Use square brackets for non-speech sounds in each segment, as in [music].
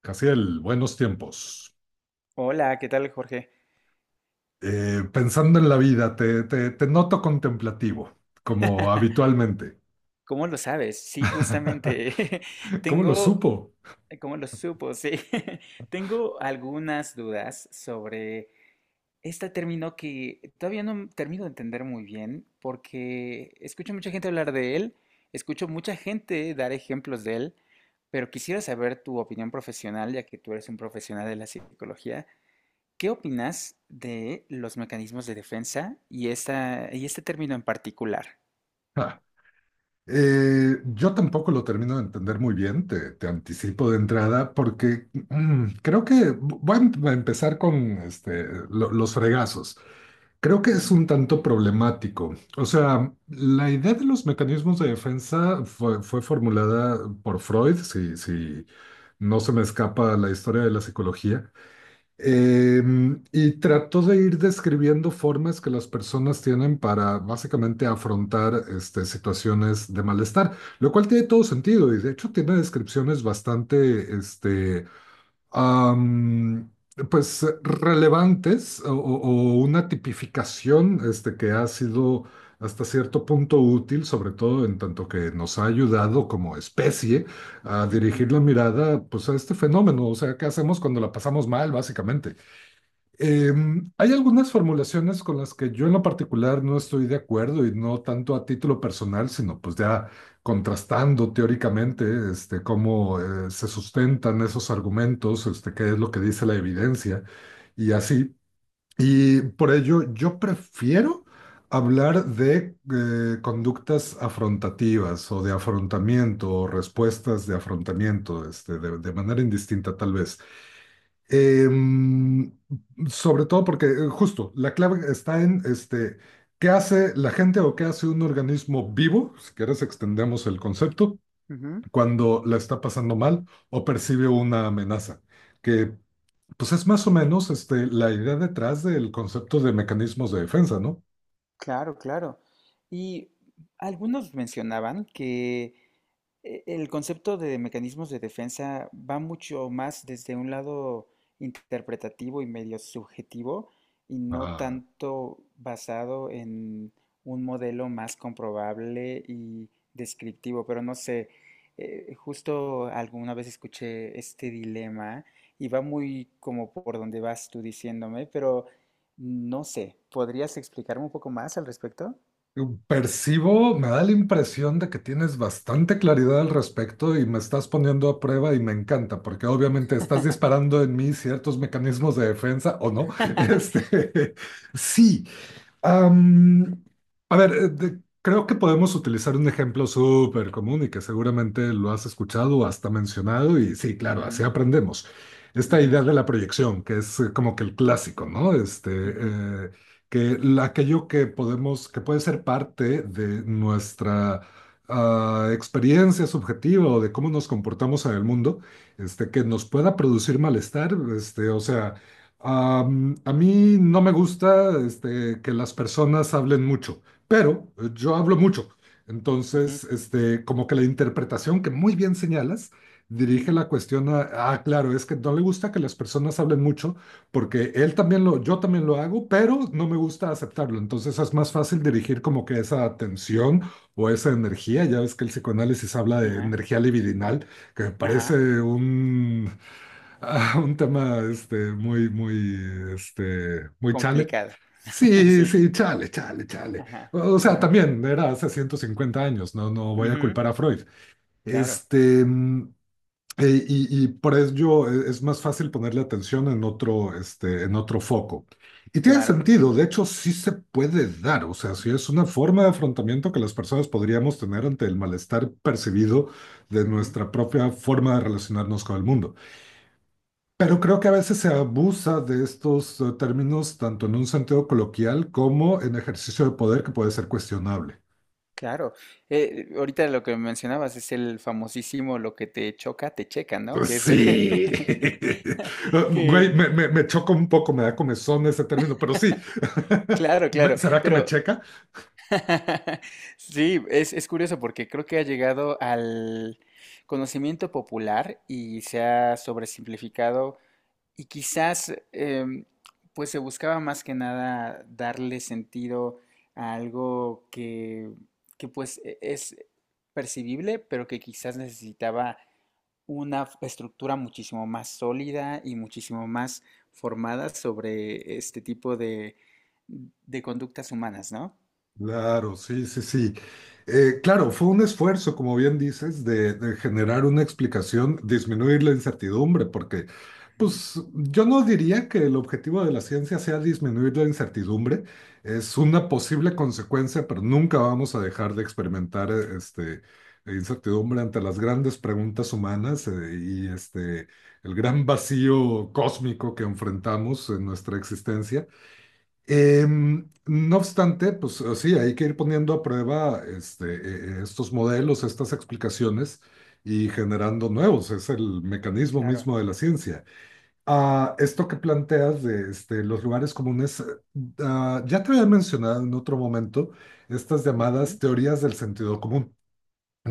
Casiel, buenos tiempos. Hola, ¿qué tal, Jorge? Pensando en la vida, te noto contemplativo, como [laughs] habitualmente. ¿Cómo lo sabes? Sí, [laughs] justamente. [laughs] ¿Cómo lo Tengo, supo? ¿Cómo lo supo? Sí. [laughs] Tengo algunas dudas sobre este término que todavía no termino de entender muy bien porque escucho mucha gente hablar de él, escucho mucha gente dar ejemplos de él, pero quisiera saber tu opinión profesional, ya que tú eres un profesional de la psicología. ¿Qué opinas de los mecanismos de defensa y y este término en particular? Ah, yo tampoco lo termino de entender muy bien, te anticipo de entrada, porque creo que voy a empezar con este, los fregazos. Creo que es un tanto problemático. O sea, la idea de los mecanismos de defensa fue formulada por Freud, si no se me escapa la historia de la psicología. Y trató de ir describiendo formas que las personas tienen para básicamente afrontar situaciones de malestar, lo cual tiene todo sentido y de hecho tiene descripciones bastante am, pues relevantes o una tipificación que ha sido hasta cierto punto útil, sobre todo en tanto que nos ha ayudado como especie a dirigir la Ujú, mirada pues, a este fenómeno. O sea, ¿qué hacemos cuando la pasamos mal, básicamente? Hay algunas formulaciones con las que yo en lo particular no estoy de acuerdo, y no tanto a título personal, sino pues ya contrastando teóricamente cómo se sustentan esos argumentos, qué es lo que dice la evidencia y así. Y por ello yo prefiero hablar de conductas afrontativas o de afrontamiento o respuestas de afrontamiento, de manera indistinta tal vez. Em, Sobre todo porque justo la clave está en qué hace la gente o qué hace un organismo vivo, si quieres extendemos el concepto, ujú, cuando la está pasando mal o percibe una amenaza, que pues es más o menos la idea detrás del concepto de mecanismos de defensa, ¿no? claro, claro. Y algunos mencionaban que el concepto de mecanismos de defensa va mucho más desde un lado interpretativo y medio subjetivo y no Ah. tanto basado en un modelo más comprobable y descriptivo. Pero no sé, justo alguna vez escuché este dilema y va muy como por donde vas tú diciéndome, pero no sé, ¿podrías explicarme un poco más al respecto? Percibo, me da la impresión de que tienes bastante claridad al respecto y me estás poniendo a prueba, y me encanta, porque obviamente estás disparando en mí ciertos mecanismos de defensa o no. [laughs] [laughs] Este, sí. Am, a ver, creo que podemos utilizar un ejemplo súper común y que seguramente lo has escuchado o hasta mencionado, y sí, claro, así Ujú, aprendemos. Esta ujú, idea de la proyección, que es como que el clásico, ¿no? Ujú, Que aquello que podemos, que puede ser parte de nuestra experiencia subjetiva o de cómo nos comportamos en el mundo, que nos pueda producir malestar, o sea... a mí no me gusta que las personas hablen mucho, pero yo hablo mucho. ujú, Entonces, como que la interpretación que muy bien señalas dirige ujú, la cuestión a, claro, es que no le gusta que las personas hablen mucho porque él también yo también lo hago, pero no me gusta aceptarlo. Entonces es más fácil dirigir como que esa atención o esa energía. Ya ves que el psicoanálisis habla de ajá. energía libidinal, que me parece Ajá, un [laughs] a un tema muy chale. complicado. [laughs] Sí, Sí, sí, chale, chale, chale. ajá, O sea, ajá. también era hace 150 años, no voy a Ujú, culpar a Freud. claro, Este, mm, y por ello es más fácil ponerle atención en otro, en otro foco. Y tiene claro, sentido, de hecho, sí se puede dar, o sea, sí es una forma de afrontamiento que las personas podríamos tener ante el malestar percibido de ujú, nuestra propia forma de relacionarnos con el mundo. Pero creo que a veces se abusa de estos términos tanto en un sentido coloquial como en ejercicio de poder que puede ser cuestionable. claro. Ahorita lo que mencionabas es el famosísimo lo que te choca, te checa, ¿no? Que es lo que... Sí. [laughs] [laughs] Güey, que, me choca un poco, me da comezón ese término, pero sí. [laughs] claro, claro, ¿Será que me pero checa? [laughs] sí, es curioso porque creo que ha llegado al conocimiento popular y se ha sobresimplificado. Y quizás, pues se buscaba más que nada darle sentido a algo que pues es percibible, pero que quizás necesitaba una estructura muchísimo más sólida y muchísimo más formada sobre este tipo de conductas humanas, ¿no? Claro, sí, sí, sí. Claro, fue un esfuerzo, como bien dices, de generar una explicación, disminuir la incertidumbre, porque, Ujú. pues, yo no diría que el objetivo de la ciencia sea disminuir la incertidumbre, es una posible consecuencia, pero nunca vamos a dejar de experimentar, incertidumbre ante las grandes preguntas humanas, y el gran vacío cósmico que enfrentamos en nuestra existencia. No obstante, pues sí, hay que ir poniendo a prueba estos modelos, estas explicaciones, y generando nuevos. Es el mecanismo Claro. mismo de la ciencia. Esto que planteas de los lugares comunes, ya te había mencionado en otro momento estas llamadas Ujú, teorías del sentido común,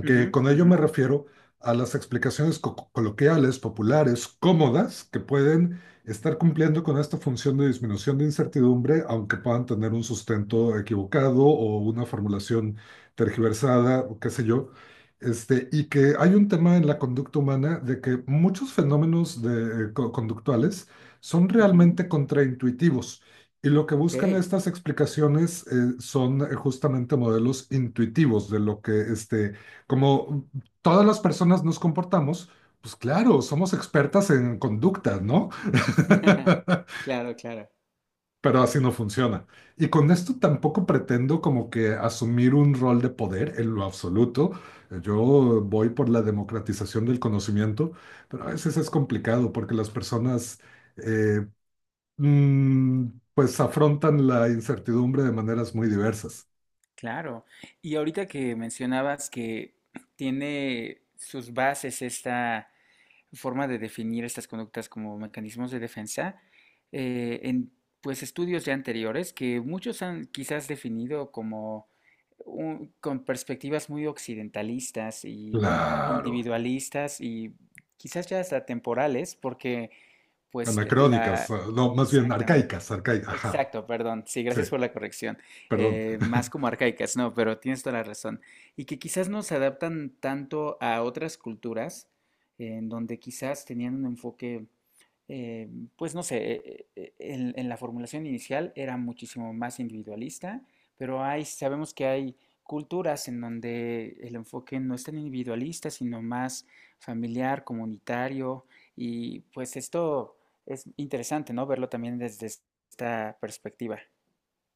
que ujú, con ello ujú, me refiero a las explicaciones coloquiales, populares, cómodas, que pueden estar cumpliendo con esta función de disminución de incertidumbre, aunque puedan tener un sustento equivocado o una formulación tergiversada, o qué sé yo. Y que hay un tema en la conducta humana de que muchos fenómenos conductuales son ujú. realmente contraintuitivos. Y lo que buscan Ok. estas explicaciones son justamente modelos intuitivos de lo que como todas las personas nos comportamos, pues claro, somos expertas en conducta, ¿no? [laughs] [laughs] Claro, claro. Pero así no funciona. Y con esto tampoco pretendo como que asumir un rol de poder en lo absoluto. Yo voy por la democratización del conocimiento, pero a veces es complicado porque las personas eh, mm, pues afrontan la incertidumbre de maneras muy diversas. Claro. Y ahorita que mencionabas que tiene sus bases esta forma de definir estas conductas como mecanismos de defensa, en pues estudios ya anteriores que muchos han quizás definido como con perspectivas muy occidentalistas y Claro, individualistas y quizás ya hasta temporales, porque pues anacrónicas, la, ah, no, más bien exactamente. arcaicas, arcaicas, ajá, Exacto, perdón. Sí, sí. gracias por la corrección. Perdón, Más como arcaicas, no, pero tienes toda la razón. Y que quizás no se adaptan tanto a otras culturas, en donde quizás tenían un enfoque eh, pues no sé, en la formulación inicial era muchísimo más individualista, pero hay, sabemos que hay culturas en donde el enfoque no es tan individualista, sino más familiar, comunitario, y pues esto es interesante, ¿no? Verlo también desde esta perspectiva.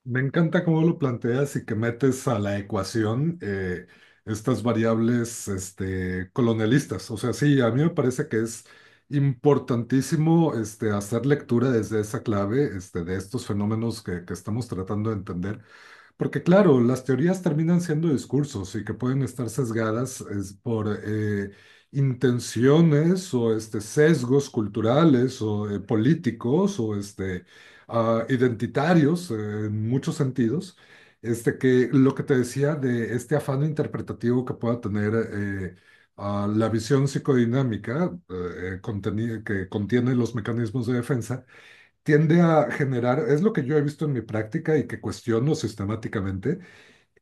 me encanta cómo lo planteas y que metes a la ecuación estas variables colonialistas. O sea, sí, a mí me parece que es importantísimo hacer lectura desde esa clave de estos fenómenos que estamos tratando de entender. Porque claro, las teorías terminan siendo discursos y que pueden estar sesgadas es, por intenciones o sesgos culturales o políticos o identitarios en muchos sentidos. Que lo que te decía de este afán interpretativo que pueda tener la visión psicodinámica que contiene los mecanismos de defensa tiende a generar, es lo que yo he visto en mi práctica y que cuestiono sistemáticamente.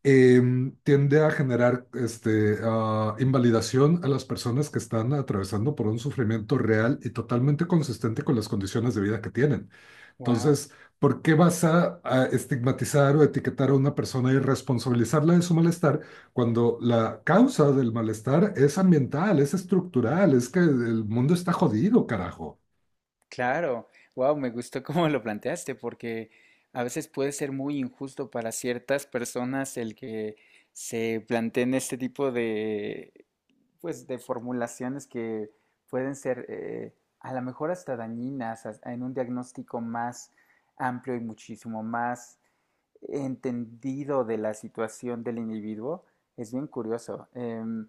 Tiende a generar invalidación a las personas que están atravesando por un sufrimiento real y totalmente consistente con las condiciones de vida que tienen. Wow. Entonces, ¿por qué vas a estigmatizar o etiquetar a una persona y responsabilizarla de su malestar cuando la causa del malestar es ambiental, es estructural, es que el mundo está jodido, carajo? Claro, wow, me gustó cómo lo planteaste, porque a veces puede ser muy injusto para ciertas personas el que se planteen este tipo de, pues, de formulaciones que pueden ser a lo mejor hasta dañinas en un diagnóstico más amplio y muchísimo más entendido de la situación del individuo. Es bien curioso.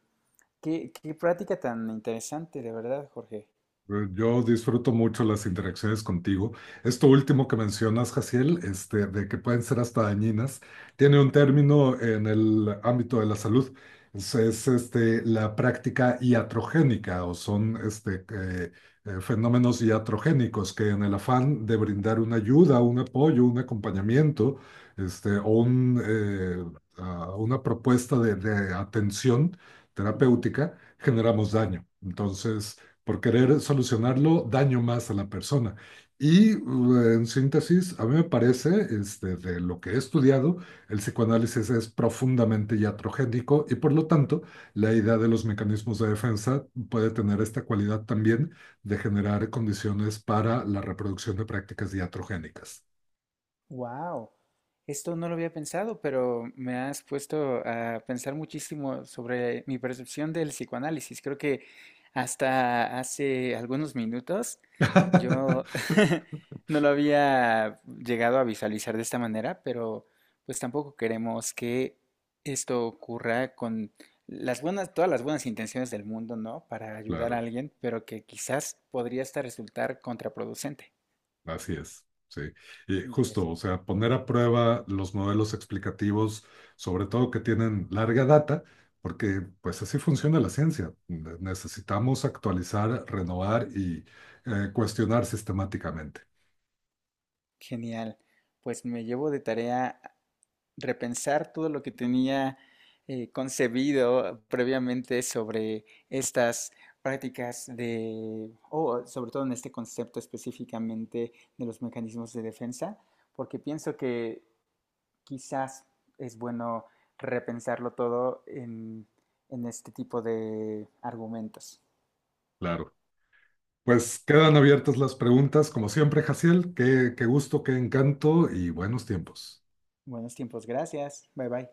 Qué, qué práctica tan interesante, de verdad, Jorge. Pues, yo disfruto mucho las interacciones contigo. Esto último que mencionas, Jaciel, de que pueden ser hasta dañinas, tiene un Ujú, término en el ámbito de la salud. Es la práctica iatrogénica, o son fenómenos iatrogénicos, que en el afán de brindar una ayuda, un apoyo, un acompañamiento o un, una propuesta de atención ujú. terapéutica, generamos daño. Entonces, por querer solucionarlo, daño más a la persona. Y en síntesis, a mí me parece, de lo que he estudiado, el psicoanálisis es profundamente iatrogénico, y por lo tanto la idea de los mecanismos de defensa puede tener esta cualidad también de generar condiciones para la reproducción de prácticas iatrogénicas. Wow, esto no lo había pensado, pero me has puesto a pensar muchísimo sobre mi percepción del psicoanálisis. Creo que hasta hace algunos minutos yo [laughs] [laughs] no lo había llegado a visualizar de esta manera, pero pues tampoco queremos que esto ocurra con las buenas, todas las buenas intenciones del mundo, ¿no? Para ayudar a Claro. alguien, pero que quizás podría hasta resultar contraproducente. Así es, sí. Y Qué justo, o interesante. sea, poner a prueba los modelos explicativos, sobre todo que tienen larga data, porque pues así funciona la ciencia. Necesitamos actualizar, renovar y cuestionar sistemáticamente. Genial. Pues me llevo de tarea repensar todo lo que tenía concebido previamente sobre estas prácticas de, o sobre todo en este concepto específicamente de los mecanismos de defensa, porque pienso que quizás es bueno repensarlo todo en este tipo de argumentos. Claro. Pues quedan abiertas las preguntas, como siempre, Jaciel. Qué, qué gusto, qué encanto y buenos tiempos. Buenos tiempos, gracias. Bye bye.